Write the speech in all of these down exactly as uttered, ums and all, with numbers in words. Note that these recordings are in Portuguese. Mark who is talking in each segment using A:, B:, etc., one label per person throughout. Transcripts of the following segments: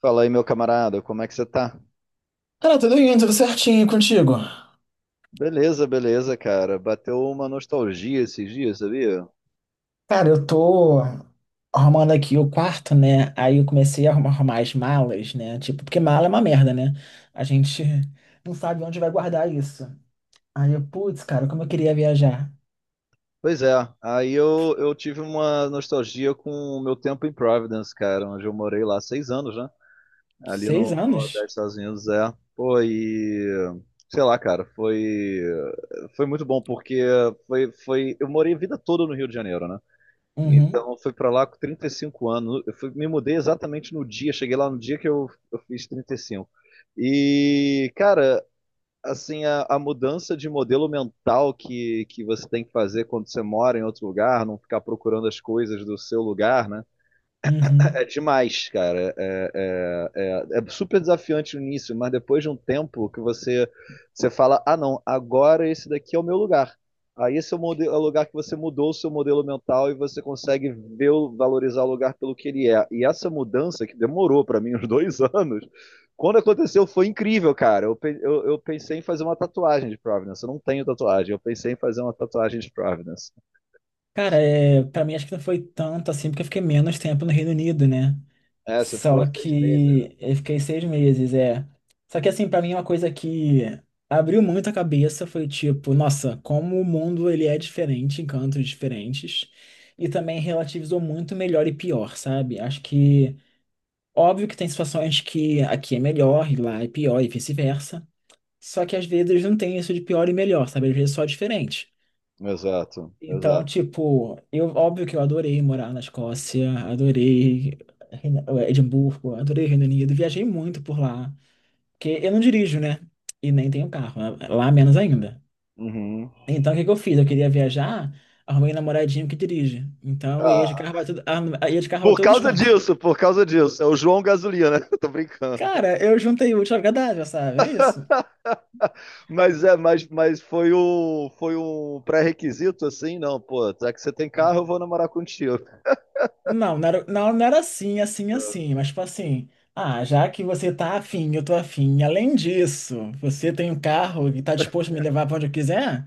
A: Fala aí, meu camarada, como é que você tá?
B: Cara, tudo indo, tudo certinho contigo.
A: Beleza, beleza, cara. Bateu uma nostalgia esses dias, sabia?
B: Cara, eu tô arrumando aqui o quarto, né? Aí eu comecei a arrumar, arrumar as malas, né? Tipo, porque mala é uma merda, né? A gente não sabe onde vai guardar isso. Aí eu, putz, cara, como eu queria viajar.
A: Pois é, aí eu, eu tive uma nostalgia com o meu tempo em Providence, cara, onde eu morei lá seis anos, né? Ali
B: Seis
A: no Nordeste
B: anos?
A: dos Estados Unidos, é. Pô, e sei lá, cara, foi foi muito bom porque foi foi eu morei a vida toda no Rio de Janeiro, né?
B: Uhum,
A: Então eu fui pra lá com 35 anos. Eu fui- me mudei exatamente no dia, cheguei lá no dia que eu, eu fiz trinta e cinco. E, cinco. E, cara, assim, a, a mudança de modelo mental que, que você tem que fazer quando você mora em outro lugar, não ficar procurando as coisas do seu lugar, né? É
B: uhum.
A: demais, cara. É, é, é, é super desafiante no início, mas depois de um tempo que você, você fala, ah não, agora esse daqui é o meu lugar. Aí esse é o, modelo, é o lugar que você mudou o seu modelo mental e você consegue ver, valorizar o lugar pelo que ele é. E essa mudança, que demorou para mim uns dois anos, quando aconteceu foi incrível, cara. Eu, pe- eu, eu, pensei em fazer uma tatuagem de Providence. Eu não tenho tatuagem. Eu pensei em fazer uma tatuagem de Providence.
B: Cara, é, pra mim acho que não foi tanto assim, porque eu fiquei menos tempo no Reino Unido, né?
A: É, você
B: Só
A: ficou seis meses.
B: que eu fiquei seis meses, é. Só que assim, pra mim é uma coisa que abriu muito a cabeça foi tipo, nossa, como o mundo ele é diferente em cantos diferentes e também relativizou muito melhor e pior, sabe? Acho que óbvio que tem situações que aqui é melhor e lá é pior e vice-versa. Só que às vezes não tem isso de pior e melhor, sabe? Às vezes só é diferente.
A: Exato,
B: Então,
A: exato.
B: tipo, eu óbvio que eu adorei morar na Escócia, adorei Reino- eh, Edimburgo, adorei Reino Unido, viajei muito por lá, porque eu não dirijo, né? E nem tenho carro, né? Lá menos ainda.
A: Uhum.
B: Então, o que que eu fiz? Eu queria viajar, arrumei um namoradinho que dirige. Então, eu ia de
A: Ah,
B: carro pra tudo, ah, eu ia de carro pra
A: por
B: todos os
A: causa
B: cantos.
A: disso, por causa disso. É o João Gasolina, né? Tô brincando.
B: Cara, eu juntei o útil ao agradável, sabe? É isso.
A: Mas é, mas, mas foi o foi um pré-requisito assim, não, pô, já que você tem carro, eu vou namorar contigo.
B: Não, não era, não, não era assim, assim, assim, mas tipo assim, ah, já que você tá afim, eu tô afim, além disso, você tem um carro e tá disposto a me levar pra onde eu quiser,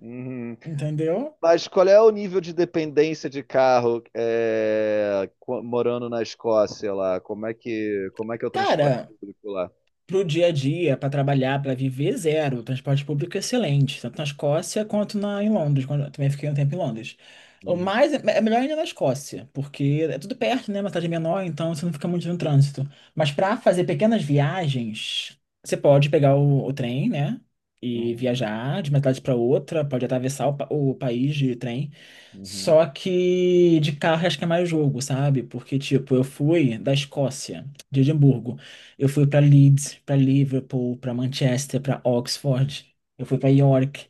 A: Uhum.
B: entendeu?
A: Mas qual é o nível de dependência de carro é, co- morando na Escócia lá? Como é que como é que é o transporte
B: Cara,
A: público lá?
B: para o dia a dia, para trabalhar, para viver, zero. O transporte público é excelente, tanto na Escócia quanto na, em Londres, quando eu também fiquei um tempo em Londres. O
A: Uhum,
B: mais é é melhor ainda na Escócia, porque é tudo perto, né? Uma cidade menor, então você não fica muito no trânsito. Mas para fazer pequenas viagens, você pode pegar o, o trem, né? E
A: uhum,
B: viajar de uma cidade para outra, pode atravessar o, pa- o país de trem. Só que de carro acho que é mais jogo, sabe? Porque, tipo, eu fui da Escócia, de Edimburgo. Eu fui pra Leeds, pra Liverpool, pra Manchester, pra Oxford. Eu fui pra York.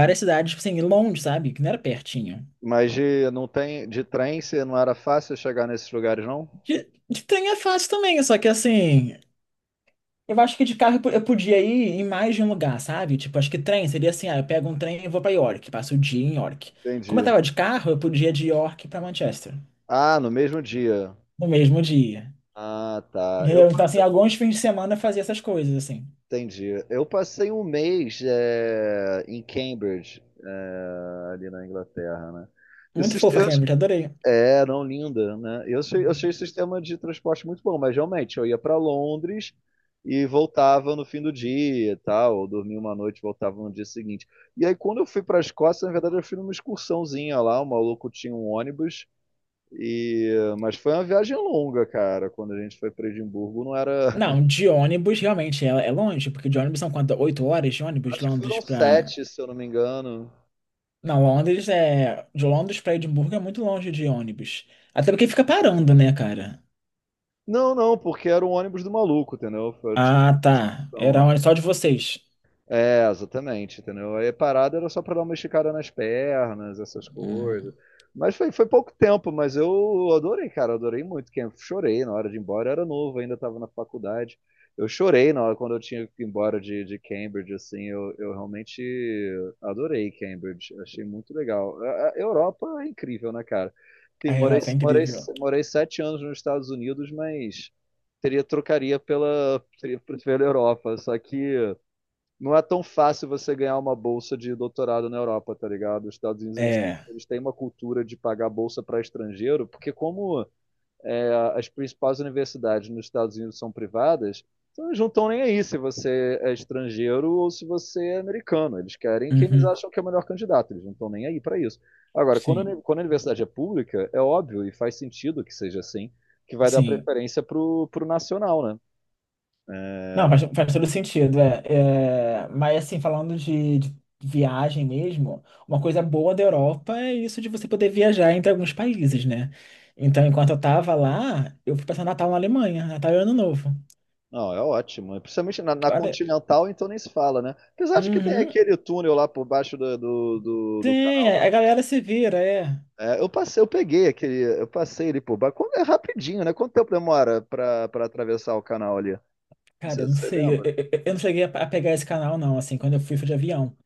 A: uhum.
B: cidades, tipo assim, longe, sabe? Que não era pertinho.
A: Mas de, não tem de trem, você não era fácil chegar nesses lugares, não?
B: De, de trem é fácil também, só que assim. Eu acho que de carro eu po- eu podia ir em mais de um lugar, sabe? Tipo, acho que trem seria assim: ah, eu pego um trem e vou pra York, passo o dia em York. Como eu
A: Entendi.
B: tava de carro, eu podia ir de York pra Manchester,
A: Ah, no mesmo dia.
B: no mesmo dia.
A: Ah, tá. Eu
B: Entendeu? Então,
A: pa-
B: assim, alguns fins de semana eu fazia essas coisas, assim.
A: entendi. Eu passei um mês é, em Cambridge, é, ali na Inglaterra, né? E o
B: Muito fofa,
A: sistema,
B: Cambridge, adorei.
A: é, não, linda, né? Eu achei, eu achei o sistema de transporte muito bom, mas realmente eu ia para Londres e voltava no fim do dia, e tal, ou dormia uma noite, e voltava no dia seguinte. E aí quando eu fui para a Escócia, na verdade eu fui numa excursãozinha lá, o maluco tinha um ônibus e, mas foi uma viagem longa, cara. Quando a gente foi para Edimburgo, não era.
B: Não, de ônibus, realmente, é, é longe, porque de ônibus são quanto? Oito horas de ônibus, de
A: Acho que
B: Londres
A: foram
B: pra...
A: sete, se eu não me engano.
B: Não, Londres é... De Londres pra Edimburgo é muito longe de ônibus. Até porque fica parando, né, cara?
A: Não, não, porque era o ônibus do maluco, entendeu? Foi, tipo,
B: Ah, tá. Era
A: então,
B: ônibus só de vocês.
A: é, exatamente, entendeu? Aí a parada era só pra dar uma esticada nas pernas, essas coisas.
B: Uhum.
A: Mas foi, foi pouco tempo, mas eu adorei, cara, adorei muito. Que eu chorei na hora de ir embora, eu era novo, ainda estava na faculdade. Eu chorei na hora quando eu tinha que ir embora de, de Cambridge, assim, eu, eu realmente adorei Cambridge, achei muito legal. A, a Europa é incrível, né, cara? Sim,
B: A
A: morei,
B: Europa é
A: morei,
B: incrível.
A: morei sete anos nos Estados Unidos, mas teria trocaria pela, teria- pela Europa, só que não é tão fácil você ganhar uma bolsa de doutorado na Europa, tá ligado? Os Estados Unidos eles têm,
B: É.
A: eles têm uma cultura de pagar bolsa para estrangeiro, porque como é, as principais universidades nos Estados Unidos são privadas, então eles não estão nem aí se você é estrangeiro ou se você é americano. Eles querem quem eles
B: Uhum.
A: acham que é o melhor candidato, eles não estão nem aí para isso. Agora, quando a,
B: Sim.
A: uni- quando a universidade é pública, é óbvio e faz sentido que seja assim, que vai dar
B: Sim.
A: preferência pro, pro nacional, né?
B: Não, faz, faz todo sentido, é. É, mas assim, falando de, de viagem mesmo, uma coisa boa da Europa é isso de você poder viajar entre alguns países, né? Então, enquanto eu tava lá, eu fui passar Natal na Alemanha, Natal e Ano Novo.
A: Não, é ótimo. Principalmente na, na
B: Olha,
A: Continental, então nem se fala, né? Apesar de que tem
B: uhum,
A: aquele túnel lá por baixo do, do, do, do
B: tem,
A: canal da.
B: a a galera se vira, é.
A: É, eu passei, eu peguei aquele. Eu passei ele por baixo. Quando- É rapidinho, né? Quanto tempo demora pra, pra atravessar o canal ali?
B: Cara, eu
A: Você,
B: não
A: você
B: sei, eu,
A: lembra?
B: eu- eu não cheguei a, a pegar esse canal não, assim, quando eu fui, foi de avião.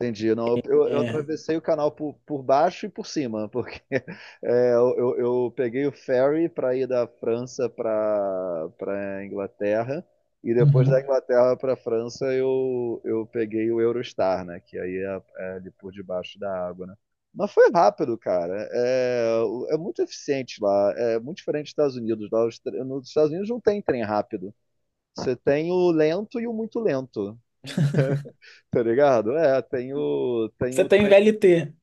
A: Entendi. Não, eu, eu- eu
B: É,
A: atravessei o canal por, por baixo e por cima, porque é, eu, eu- eu peguei o ferry para ir da França para para Inglaterra e depois da
B: uhum.
A: Inglaterra para França eu, eu peguei o Eurostar, né? Que aí é, é ali por debaixo da água, né? Mas foi rápido, cara. É, o- é muito eficiente lá. É muito diferente dos Estados Unidos. Lá os tre- nos Estados Unidos não tem trem rápido. Você tem o lento e o muito lento, tá ligado? É, tem o, tem
B: Você
A: o
B: tem
A: trem
B: V L T.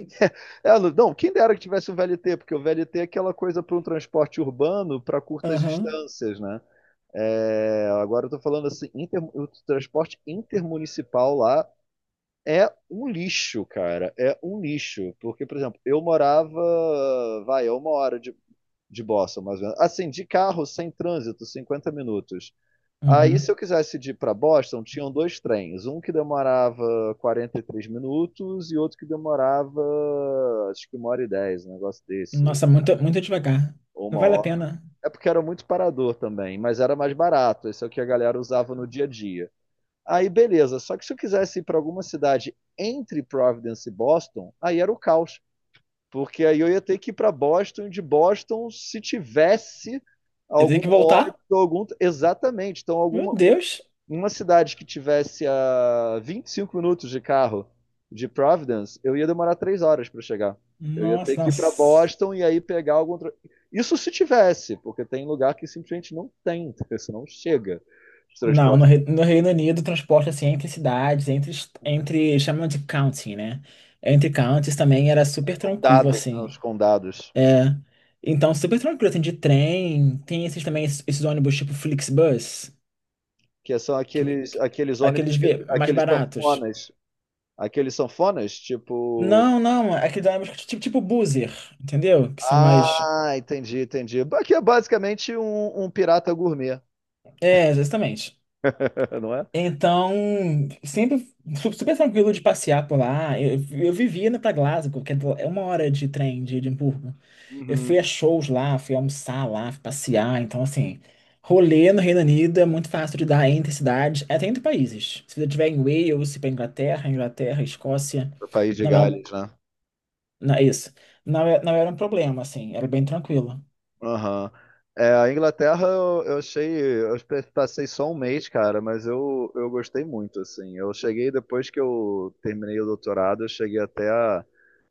A: É, não, quem dera que tivesse o V L T, porque o V L T é aquela coisa para um transporte urbano para curtas
B: Aham,
A: distâncias, né? É, agora eu tô falando assim, inter- o transporte intermunicipal lá é um lixo, cara. É um lixo. Porque, por exemplo, eu morava, vai, é uma hora de, de Boston, mais ou menos. Assim, de carro, sem trânsito, cinquenta minutos. Aí, se
B: uhum.
A: eu quisesse ir para Boston, tinham dois trens. Um que demorava 43 minutos e outro que demorava, acho que uma hora e dez, um negócio desse.
B: Nossa, muito, muito devagar.
A: Ou
B: Não
A: uma
B: vale a
A: hora.
B: pena.
A: É porque era muito parador também, mas era mais barato. Esse é o que a galera usava no dia a dia. Aí, beleza. Só que se eu quisesse ir para alguma cidade entre Providence e Boston, aí era o caos. Porque aí eu ia ter que ir para Boston, e de Boston, se tivesse
B: Eu tenho
A: algum
B: que
A: óleo,
B: voltar?
A: algum. Exatamente. Então,
B: Meu
A: alguma,
B: Deus.
A: uma cidade que tivesse a 25 minutos de carro de Providence, eu ia demorar três horas para chegar. Eu ia ter
B: Nossa,
A: que ir para
B: nossa.
A: Boston e aí pegar algum. tra- Isso se tivesse, porque tem lugar que simplesmente não tem, isso não chega. Os
B: Não, no,
A: transportes
B: Re- no Reino Unido, o transporte assim entre cidades, entre, est- entre chamam de county, né? Entre counties também era super tranquilo,
A: Condados, né, os
B: assim.
A: condados,
B: É. Então, super tranquilo, assim, de trem. Tem esses também, esses, esses ônibus tipo Flixbus,
A: que são
B: que,
A: aqueles,
B: que-
A: aqueles ônibus,
B: aqueles
A: que,
B: ve- mais
A: aqueles
B: baratos.
A: sanfonas, aqueles sanfonas, tipo.
B: Não, não, aqueles ônibus tipo, tipo Buzzer, entendeu? Que são mais.
A: Ah, entendi, entendi. Aqui é basicamente um, um pirata gourmet,
B: É, exatamente.
A: não é?
B: Então, sempre su- super tranquilo de passear por lá. Eu, eu vivia indo pra Glasgow, que é do- é uma hora de trem de Edimburgo. Eu fui a
A: Uhum.
B: shows lá, fui almoçar lá, fui passear. Então, assim, rolê no Reino Unido é muito fácil de dar entre cidades, até entre países. Se você estiver em Wales, se para Inglaterra, Inglaterra, Escócia,
A: Pro País de
B: não é um,
A: Gales, né?
B: não, é isso. Não, é- não era um problema, assim, era bem tranquilo.
A: Aham. É, a Inglaterra eu, eu achei. Eu pe- passei só um mês, cara, mas eu, eu gostei muito, assim. Eu cheguei depois que eu terminei o doutorado, eu cheguei até a,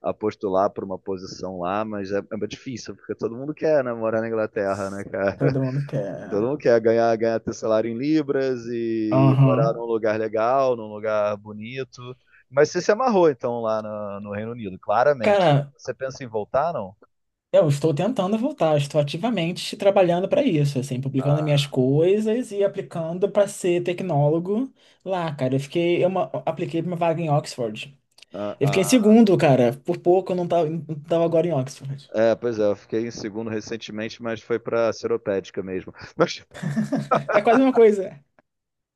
A: a postular para uma posição lá, mas é, é difícil, porque todo mundo quer, né, morar na Inglaterra, né, cara?
B: Todo mundo
A: Todo
B: quer.
A: mundo quer ganhar, ganhar teu salário em libras e morar
B: Aham.
A: num lugar legal, num lugar bonito. Mas você se amarrou, então, lá no, no Reino Unido, claramente.
B: Cara,
A: Você pensa em voltar, não?
B: eu estou tentando voltar, estou ativamente trabalhando para isso, assim, publicando minhas coisas e aplicando para ser tecnólogo lá, cara. Eu fiquei, eu ma- apliquei para uma vaga em Oxford. Eu fiquei em
A: Ah,
B: segundo, cara. Por pouco eu não tava, não tava agora em Oxford.
A: é, pois é, eu fiquei em segundo recentemente, mas foi para Seropédica mesmo. Mas,
B: É quase uma coisa.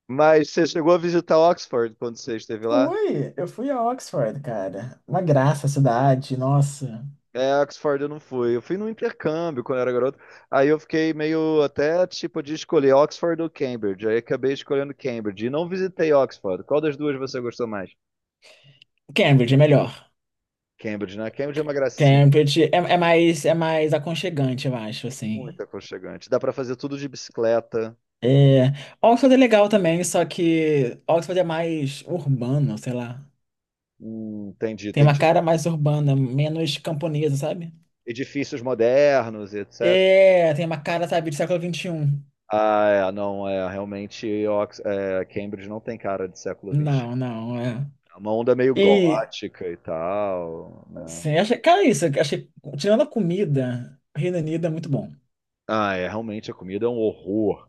A: mas você chegou a visitar Oxford quando você esteve lá?
B: Fui, eu fui a Oxford, cara. Uma graça a cidade, nossa.
A: É, Oxford eu não fui. Eu fui no intercâmbio quando eu era garoto. Aí eu fiquei meio até tipo de escolher Oxford ou Cambridge. Aí acabei escolhendo Cambridge e não visitei Oxford. Qual das duas você gostou mais?
B: Cambridge é melhor.
A: Cambridge, né? Cambridge é uma gracinha,
B: Cambridge é, é mais é mais aconchegante, eu acho, assim.
A: muito aconchegante. Dá para fazer tudo de bicicleta.
B: É, Oxford é legal também, só que Oxford é mais urbano, sei lá.
A: Hum, tem de,
B: Tem
A: tem
B: uma
A: de
B: cara mais urbana, menos camponesa, sabe?
A: edifícios modernos, e etcétera.
B: É, tem uma cara, sabe, de século vinte e um.
A: Ah, é, não, é, realmente Ox- é, Cambridge não tem cara de século
B: Não,
A: vinte e um.
B: não, é.
A: É uma onda meio
B: E,
A: gótica e tal, né?
B: sim, achei, cara, é isso, achei, tirando a comida, Reino Unido é muito bom.
A: Ah, é, realmente a comida é um horror.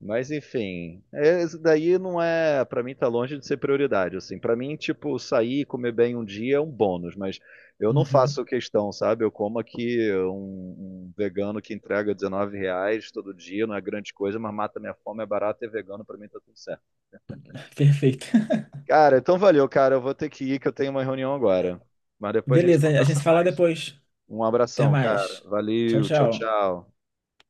A: Mas enfim, é, isso daí não é, pra mim tá longe de ser prioridade, assim. Para mim, tipo, sair e comer bem um dia é um bônus, mas eu não
B: Uhum,
A: faço questão, sabe? Eu como aqui um, um vegano que entrega dezenove reais todo dia, não é grande coisa, mas mata minha fome, é barato e é vegano, pra mim tá tudo certo.
B: perfeito.
A: Cara, então valeu, cara. Eu vou ter que ir, que eu tenho uma reunião agora. Mas depois a gente
B: Beleza, a gente
A: conversa
B: se fala
A: mais.
B: depois.
A: Um
B: Até
A: abração, cara.
B: mais. Tchau,
A: Valeu, tchau,
B: tchau.
A: tchau.